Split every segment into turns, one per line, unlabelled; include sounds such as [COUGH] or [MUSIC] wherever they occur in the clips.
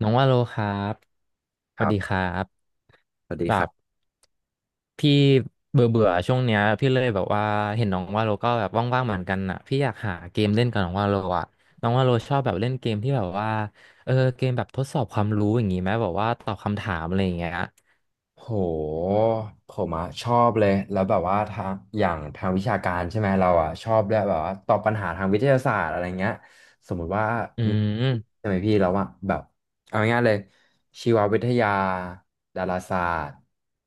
น้องว่าโลครับส
ค
วัส
รั
ดีค
บ
รับ
สวัสดี
แบ
ครั
บ
บ
พี่เบื่อเบื่อช่วงเนี้ยพี่เลยแบบว่าเห็นน้องว่าโลก็แบบว่างๆเหมือนกันอ่ะพี่อยากหาเกมเล่นกับน้องว่าโลอ่ะน้องว่าโลชอบแบบเล่นเกมที่แบบว่าเกมแบบทดสอบความรู้อย่างงี้ไหมแบบว่าตอบคำถามอะไรอย่างเงี้ย
โหผมอะชอบเลยแล้วแบบว่าทางอย่างทางวิชาการใช่ไหมเราอะชอบด้วยแบบว่าตอบปัญหาทางวิทยาศาสตร์อะไรเงี้ยสมมุติว่า
อื
มี
ม
ใช่ไหมพี่แล้วอะแบบเอาง่ายๆเลยชีววิทยาดาราศาสตร์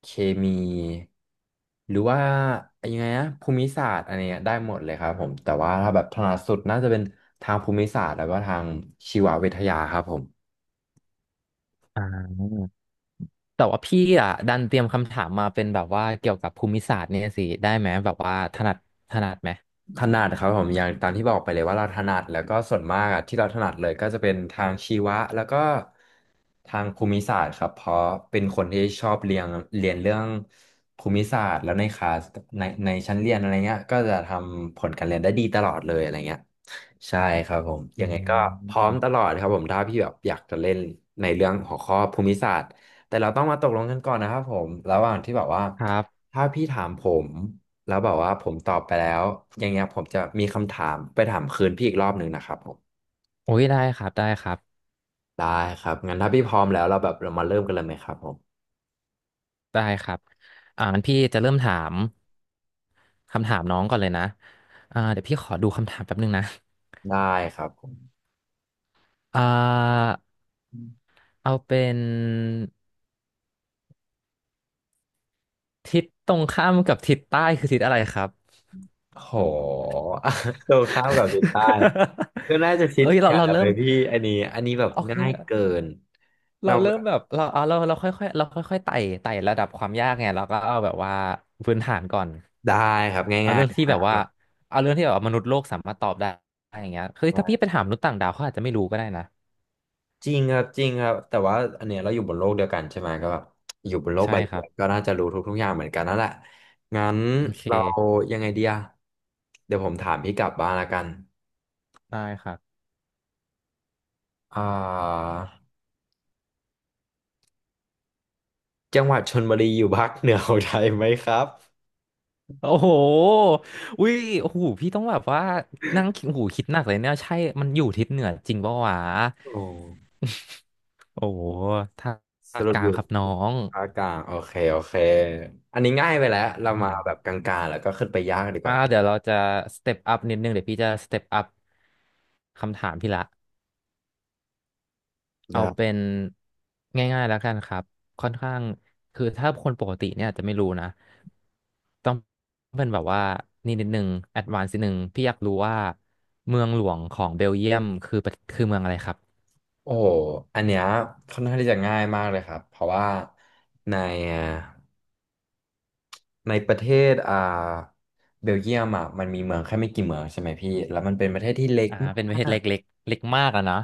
เคมีหรือว่ายังไงนะภูมิศาสตร์อะไรเงี้ยได้หมดเลยครับผมแต่ว่าถ้าแบบถนัดสุดน่าจะเป็นทางภูมิศาสตร์แล้วก็ทางชีววิทยาครับผม
อ่าแต่ว่าพี่อ่ะดันเตรียมคำถามมาเป็นแบบว่าเกี่ยวกับภูมิศาสตร์เนี่ยสิได้ไหมแบบว่าถนัดไหม
ถนัดครับผมอย่างตามที่บอกไปเลยว่าเราถนัดแล้วก็ส่วนมากอะที่เราถนัดเลยก็จะเป็นทางชีวะแล้วก็ทางภูมิศาสตร์ครับเพราะเป็นคนที่ชอบเรียนเรียนเรื่องภูมิศาสตร์แล้วในคลาสในชั้นเรียนอะไรเงี้ยก็จะทำผลการเรียนได้ดีตลอดเลยอะไรเงี้ยใช่ครับผม
อื
ยั
ม
งไงก็พร้อมตลอดครับผมถ้าพี่แบบอยากจะเล่นในเรื่องหัวข้อภูมิศาสตร์แต่เราต้องมาตกลงกันก่อนนะครับผมระหว่างที่แบบว่า
ครับ
ถ้าพี่ถามผม แล้วแบบว่าผมตอบไปแล้วอย่างเงี้ยผมจะมีคำถามไปถามคืนพี่อีกรอบหนึ่งนะครับผม
โอ้ยได้ครับได้ครับ
ได้ครับงั้นถ้าพี่พร้อมแล้วเราแบบเรามาเริ่มกันเลยไหมครับผม
ได้ครับงั้นพี่จะเริ่มถามคำถามน้องก่อนเลยนะเดี๋ยวพี่ขอดูคำถามแป๊บนึงนะ
ได้ครับผม
อ่าเอาเป็นทิศตรงข้ามกับทิศใต้คือทิศอะไรครับ
โห [LAUGHS] ตรงข้ามกับดูใต้ก็น่าจะ
[LAUGHS]
ชิด
เอ้ยเรา
เนี่ย
เรา
อะไร
เริ่ม
พี่อันนี้แบบ
โอเค
ง่ายเกิน
เรา
เราแบ
เริ่ม
บ
แบบเราเอาเราเราค่อยๆเราค่อยๆไต่ระดับความยากไงเราก็เอาแบบว่าพื้นฐานก่อนเอาเรื่องที่แบบว่า
แบบ
เอาเรื่องที่แบบว่ามนุษย์โลกสามารถตอบได้อย่างเงี้ยคือถ้าพี่ไปถามมนุษย์ต่างดาวเขาอาจจะไม่รู้ก็ได้นะ
จริงครับจริงครับแต่ว่าอันเนี้ยเราอยู่บนโลกเดียวกันใช่ไหมก็แบบอยู่บนโลกใบ
ใช่ค
เดี
รั
ย
บ
วก็น่าจะรู้ทุกๆอย่างเหมือนกันนั่นแหละงั้น
โอ
เรา
เค
ยังไงเดี๋ยวผมถามพี่กลับบ้างละกัน
ได้ครับ
อ่าจังหวัดชลบุรีอยู่ภาคเหนือของไทยไหมครับ
โอ้โหอุ้ยโอ้โหพี่ต้องแบบว่านั่งคิดโอ้โหคิดหนักเลยเนี่ยใช่มันอยู่ทิศเหนือจริงปะวะ
โอ้
โอ้โหถ้า
สรุ
ก
ป
ลา
อ
ง
ยู่
ครับน้อง
ภาคกลางโอเคโอเค อันนี้ง่ายไปแล้วเรา
อื
มา
ม
แบบกลางๆแล้วก็ขึ้นไปยากดีกว่า
เดี๋ยวเราจะสเต็ปอัพนิดนึงเดี๋ยวพี่จะสเต็ปอัพคำถามพี่ละ เอา
ได้
เป็นง่ายๆแล้วกันครับค่อนข้างคือถ้าคนปกติเนี่ยอาจจะไม่รู้นะต้องเป็นแบบว่านี่นิดนึงแอดวานซ์นิดนึงพี่อยากรู้ว่าเมืองหลวงของเบลเยียมคือประคือเมืองอะไรครับ
โอ้โหอันเนี้ยค่อนข้างที่จะง่ายมากเลยครับเพราะว่าในในประเทศอ่าเบลเยียมอ่ะมันมีเมืองแค่ไม่กี่เมืองใช่ไหมพี่แล้วมันเป็นประเทศที่เล็ก
เป็นประเท
มา
ศ
ก
เล็กๆเล็กมากอะนะ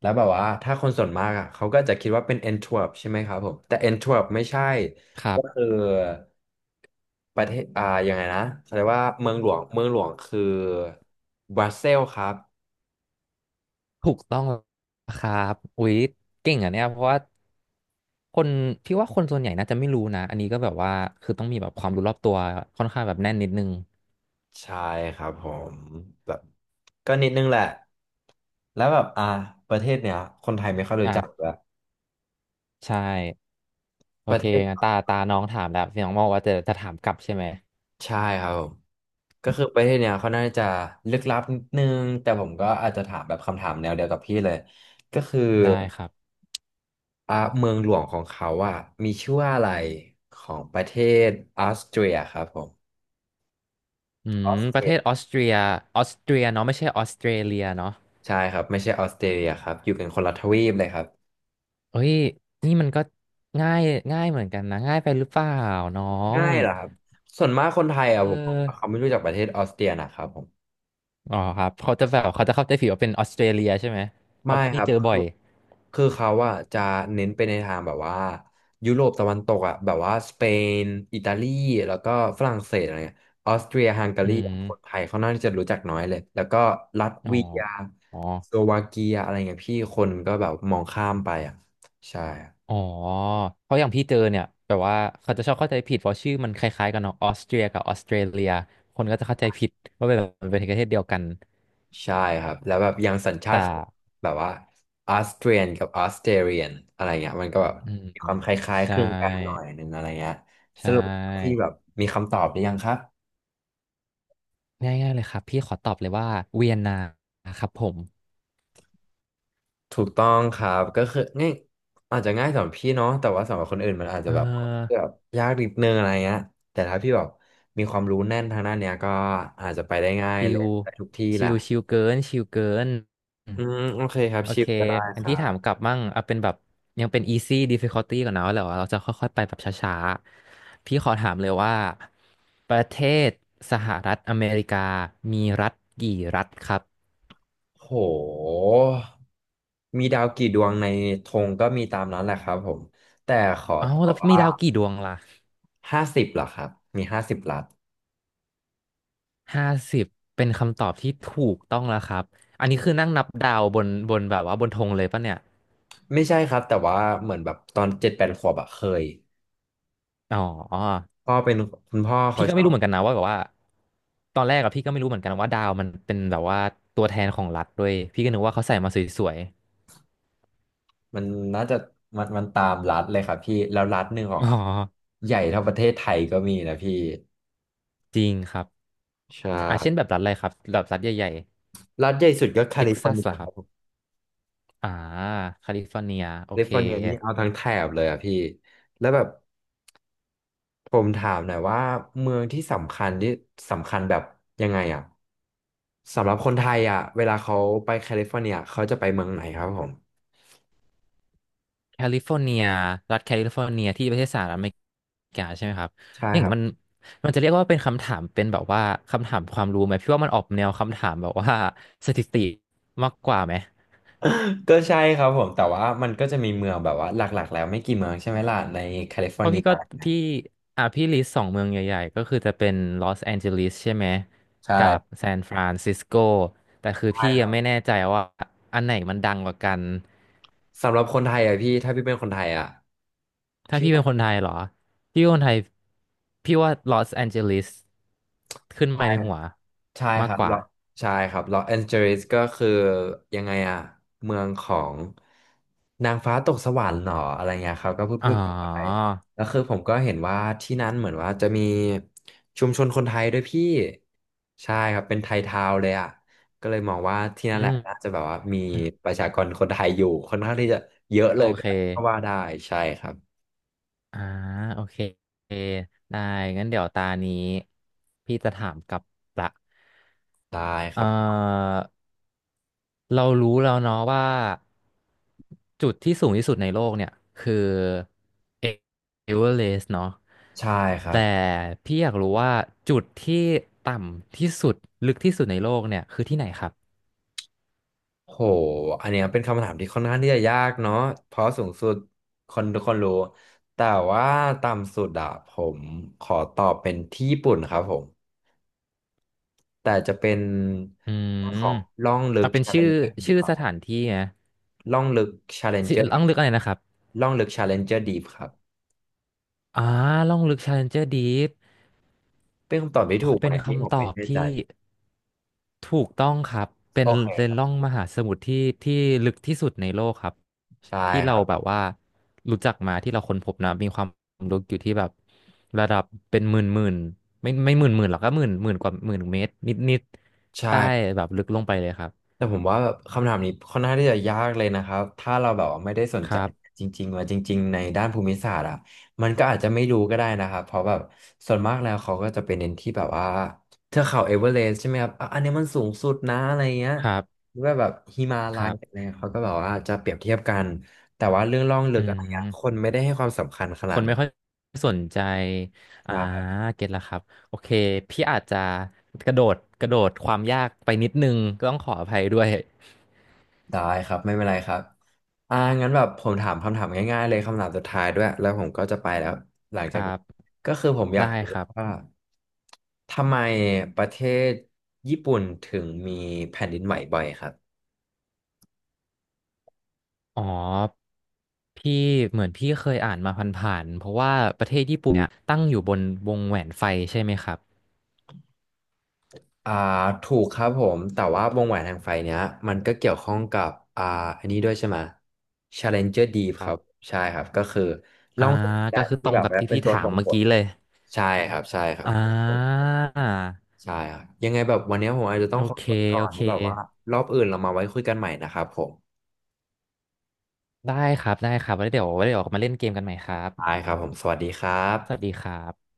แล้วแบบว่าถ้าคนส่วนมากอ่ะเขาก็จะคิดว่าเป็นแอนทเวิร์ปใช่ไหมครับผมแต่แอนทเวิร์ปไม่ใช่
ครั
ก็คือ
บ
ประเทศอ่ายังไงนะเขาเรียกว่าเมืองหลวงคือบรัสเซลส์ครับ
ถูกต้องครับอุ๊ยเก่งอ่ะเนี่ยเพราะว่าคนพี่ว่าคนส่วนใหญ่น่าจะไม่รู้นะอันนี้ก็แบบว่าคือต้องมีแบบความรู้รอบตัวค่อนข้างแบบแน่นนิดนึง
ใช่ครับผมแบบก็นิดนึงแหละแล้วแบบอ่าประเทศเนี้ยคนไทยไม่ค่อยรู้
อ่ะ
จักเลย
ใช่ โอ
ประ
เค
เท
งั้น
ศ
ตาน้องถามแล้วน้องบอกว่าจะถามกลับใช่ไหม
ใช่ครับผมก็คือประเทศเนี้ยเขาน่าจะลึกลับนิดนึงแต่ผมก็อาจจะถามแบบคำถามแนวเดียวกับพี่เลยก็คือ
ได้ครับ
อ่าเมืองหลวงของเขาอ่ะมีชื่อว่าอะไรของประเทศออสเตรียครับผม
อื
อ
ม
อสเต
ประ
รี
เท
ย
ศออสเตรียออสเตรียเนาะไม่ใช่ออสเตรเลียเนาะ
ใช่ครับไม่ใช่ออสเตรเลียครับอยู่กันคนละทวีปเลยครับ
เฮ้ยนี่มันก็ง่ายง่ายเหมือนกันนะง่ายไปหรือเปล่าน้อง
ง่ายเหรอครับส่วนมากคนไทย
เอ
อ่ะผมว่าเขา
อ
ไม่รู้จักประเทศออสเตรียนะครับผม
อ๋อครับเขาจะแบบเขาจะเข้าใจผิดว่าเป็นออสเตรเลียใช่ไหมเพ
ไม่
ราะ
ค
พี่
รับ
เจอบ่อ
คือ
ย
เขาอะจะเน้นไปในทางแบบว่ายุโรปตะวันตกอะแบบว่าสเปนอิตาลีแล้วก็ฝรั่งเศสอะไรเงี้ยออสเตรียฮังกา
อื
รี
ม
คนไทยเขาน่าจะรู้จักน้อยเลยแล้วก็ลัต
อ๋อ
เวียส
อ๋อ
โลวาเกียอะไรเงี้ยพี่คนก็แบบมองข้ามไปอะใช่
อ๋
ร
อเพราะอย่างพี่เจอเนี่ยแบบว่าเขาจะชอบเข้าใจผิดเพราะชื่อมันคล้ายๆกันเนาะออสเตรียกับออสเตรเลียคนก็จะเข้าใจผิดว่าเป็นแบบเป็นประเทศเดียวกัน
ใช่ครับแล้วแบบอย่างสัญชา
แต่
ติแบบว่าออสเตรียนกับออสเตรเลียนอะไรเงี้ยมันก็แบบ
อืม
มีความคล้าย
ใช
ๆคลึงกันหน่อ
่
ยนึงอะไรเงี้ย
ใช
สรุปที่
่
แบบมีคำตอบหรือยังครับ
ง่ายๆเลยครับพี่ขอตอบเลยว่าเวียนนาครับผม
ถูกต้องครับก็คือง่ายอาจจะง่ายสำหรับพี่เนาะแต่ว่าสำหรับคนอื่นมันอาจ
เ
จะแบบแบ
ออ
บยากนิดนึงอะไรเงี้ยแต่ถ้าพี่แบบมีความรู้แน่นทางด้านเนี้ยก็อาจจะไปได้ง่าย
ชิ
เลย
ว
ไปทุกที่แห
ชิ
ละ
วชิวเกินชิวเกินอืม
อืมโอเคครับ
โอ
ชิ
เค
ปก็ได้
อัน
ครั
พี่ถา
บ
มกลับมั่งเอาเป็นแบบยังเป็น easy difficulty ก่อนนะแล้วเราจะค่อยๆไปแบบช้าๆพี่ขอถามเลยว่าประเทศสหรัฐอเมริกามีรัฐกี่รัฐครับ
โหมีดาวกี่ดวงในธงก็มีตามนั้นแหละครับผม
เอ้าแล้วมีดาวกี่ดวงล่ะ
ห้าสิบเหรอครับมีห้าสิบลัด
50เป็นคำตอบที่ถูกต้องแล้วครับอันนี้คือนั่งนับดาวบนบนแบบว่าบนธงเลยปะเนี่ย
ไม่ใช่ครับแต่ว่าเหมือนแบบตอน7-8ขวบอะเคย
อ๋อ
พ่อเป็นคุณพ่อเขา
พี่ก็
ช
ไม่
อ
รู้เหมือน
บ
กันนะว่าแบบว่าตอนแรกอะพี่ก็ไม่รู้เหมือนกันว่าดาวมันเป็นแบบว่าตัวแทนของรัฐด้วยพี่ก็นึกว่าเขาใส่มาสวย
มันน่าจะมันมันตามรัฐเลยครับพี่แล้วรัฐหนึ่งข
ๆ
อง
อ๋อ
เขาใหญ่เท่าประเทศไทยก็มีนะพี่
จริงครับ
ใช่
เช่นแบบรัฐอะไรครับแบบรัฐใหญ่
รัฐใหญ่สุดก็
ๆ
แค
เท็ก
ลิฟอ
ซั
ร์
ส
เนีย
เห
ค
รอ
รั
ครับ
บผม
อ่าแคลิฟอร์เนียโอ
แคลิ
เค
ฟอร์เนียนี่เอาทั้งแถบเลยอะพี่แล้วแบบผมถามหน่อยว่าเมืองที่สำคัญที่สำคัญแบบยังไงอะสำหรับคนไทยอะเวลาเขาไปแคลิฟอร์เนียเขาจะไปเมืองไหนครับผม
แคลิฟอร์เนีย รัฐแคลิฟอร์เนียที่ประเทศสหรัฐอเมริกาใช่ไหมครับ
ใช่
อย่า
ค
ง
รั
มัน
บ
มันจะเรียกว่าเป็นคำถาม เป็นแบบว่าคำถามความรู้ไหม พี่ว่ามันออกแนวคำถามแบบว่าสถิติมากกว่าไหม
ก็ใช่ครับผมแต่ว่ามันก็จะมีเมืองแบบว่าหลักๆแล้วไม่กี่เมืองใช่ไหมล่ะในแคลิฟอ
เพ
ร์
ราะ
เนีย
พี่ก็พี่อ่ะพี่ลิสต์สองเมืองใหญ่ๆ ก็คือจะเป็นลอสแอนเจลิสใช่ไหม
ใ
กับ
ช่
ซานฟรานซิสโกแต่คือ
ใช่
พี่ยังไม่แน่ใจว่า อันไหนมันดังกว่ากัน
สำหรับคนไทยอ่ะพี่ถ้าพี่เป็นคนไทยอ่ะ
ถ้าพี่เป็นค
พี่
นไทยเหรอ พี่เป็นคนไทย พี่ว่าลอสแอนเจลิสขึ้น
ใช่
มาในหัว
ใช่ค
มาก
รับ
ก
ล
ว่า
อใช่ครับลอสแอนเจลิสก็คือยังไงอ่ะเมืองของนางฟ้าตกสวรรค์หรออะไรเงี้ยครับก็พูด
อ๋อ
พูดกันไปแล้วคือผมก็เห็นว่าที่นั้นเหมือนว่าจะมีชุมชนคนไทยด้วยพี่ใช่ครับเป็นไทยทาวน์เลยอ่ะก็เลยมองว่าที่นั่น
อื
แหละน่า
ม
จะแบบว่ามีประชากรคนไทยอยู่ค่อนข้างที่จะเยอะ
โอ
เลยก
เค
็ว่าได้ใช่ครับ
อ่าโอเค ได้ งั้นเดี๋ยวตานี้พี่จะถามกลับละ
ได้ครั
เอ่
บ
อ เรารู้แล้วเนาะว่าจุดที่สูงที่สุดในโลกเนี่ยคือเอเวอเรสต์เนาะ
ใช่ครับ
แต่พี่อยากรู้ว่าจุดที่ต่ำที่สุดลึกที่สุดในโลกเนี่ยคือที่ไหนครับ
โห อันเนี้ยเป็นคำถามที่ค่อนข้างที่จะยากเนาะเพราะสูงสุดคนทุกคนรู้ แต่ว่าต่ำสุดอะผมขอตอบเป็นที่ญี่ปุ่นครับผม แต่จะเป็น
อื
เรื่อง
ม
ของล่องลึ
เอา
ก
เป็นชื่อ
Challenger Deep
ชื่อ
ครับ
ส
ผม
ถานที่นะ
ล่องลึก
ชื่อ
Challenger
ล่องลึกอะไรนะครับ
Deep ล่องลึก Challenger Deep ครับ
อ่าล่องลึก Challenger Deep
เป็นคำตอบที่ถูกไห
เป็
ม
น
อันนี่ผม
คำต
ไม่
อบ
แน่ใจ
ที่ ถูกต้องครับเป็
โอ
น
เค
เป็น
ครับ
ร่องมหาสมุทรที่ที่ลึกที่สุดในโลกครับ
ใช่
ที่
ค
เรา
รั
แบ
บ
บว่ารู้จักมาที่เราค้นพบนะมีความลึกอยู่ที่แบบระดับเป็นหมื่นหมื่นไม่หมื่นหมื่นหรอกก็หมื่นหมื่นกว่าหมื่นเมตรนิดนิดใต้
ใช่
แบบลึกลงไปเลยครับ
แต่ผมว่าแบบคำถามนี้ค่อนข้างที่จะยากเลยนะครับถ้าเราแบบว่าไม่ได้สน
ค
ใจ
รับ
จริงๆว่าจริงๆในด้านภูมิศาสตร์อ่ะมันก็อาจจะไม่รู้ก็ได้นะครับเพราะแบบส่วนมากแล้วเขาก็จะเป็นเน้นที่แบบว่าเทือกเขาเอเวอเรสต์ใช่ไหมครับอ่ะอันนี้มันสูงสุดนะอะไรเงี้ย
ครับ
หรือว่าแบบฮิมา
ค
ลั
รั
ยอะไร
บ
เงี้ยเขาก็แบบว่าจะเปรียบเทียบกันแต่ว่าเรื่องล่องลึ
อื
กอะไรเงี้ยคน
ม
ไม่ได้ให้ความสำคัญข
ค
นาด
นไม่
นั้น
ค่อยสนใจอ่าเก็ตละครับโอเคพี่อาจจะกระโดดกระโดดความยากไปนิดนึงก็ต้องขออภัยด้วย
ได้ครับไม่เป็นไรครับอ่างั้นแบบผมถามคำถามง่ายๆเลยคำถามสุดท้ายด้วยแล้วผมก็จะไปแล้วหลัง
ค
จา
รั
กนี้
บ
ก็คือผมอยา
ได้
กรู้
ครั
ว่า
บ
ทำไมประเทศญี่ปุ่นถึงมีแผ่นดินไหวบ่อยครับ
อ๋อพี่เหมือนพี่เคยอ่านมาผ่านๆเพราะว่าประเทศญี่ปุ่นเนี่ยตั้งอยู่บนวงแหวนไฟใช่ไหมครับ
อ่าถูกครับผมแต่ว่าวงแหวนแห่งไฟเนี้ยมันก็เกี่ยวข้องกับอ่าอันนี้ด้วยใช่ไหม Challenger Deep ครับใช่ครับก็คือล่
อ่า
องแสงแด
ก็
ด
คือต
ที่
รง
แบบ
กับ
ว่า
ที่
เป็น
พี่
ตัว
ถา
ส่
ม
ง
เมื่
ผ
อ
ล
กี้เลย
ใช่ครับใช่ครับ
อ่า
ใช่ครับยังไงแบบวันนี้ผมอาจจะต้อ
โอ
งขอ
เค
ตัวไปก่อ
โอ
น
เค
แล้วแบบว่ารอบอื่นเรามาไว้คุยกันใหม่นะครับผม
ได้ครับได้ครับไว้เดี๋ยวมาเล่นเกมกันใหม่ครับ
ได้ครับผมสวัสดีครั
สวัสดี
บ
ครับ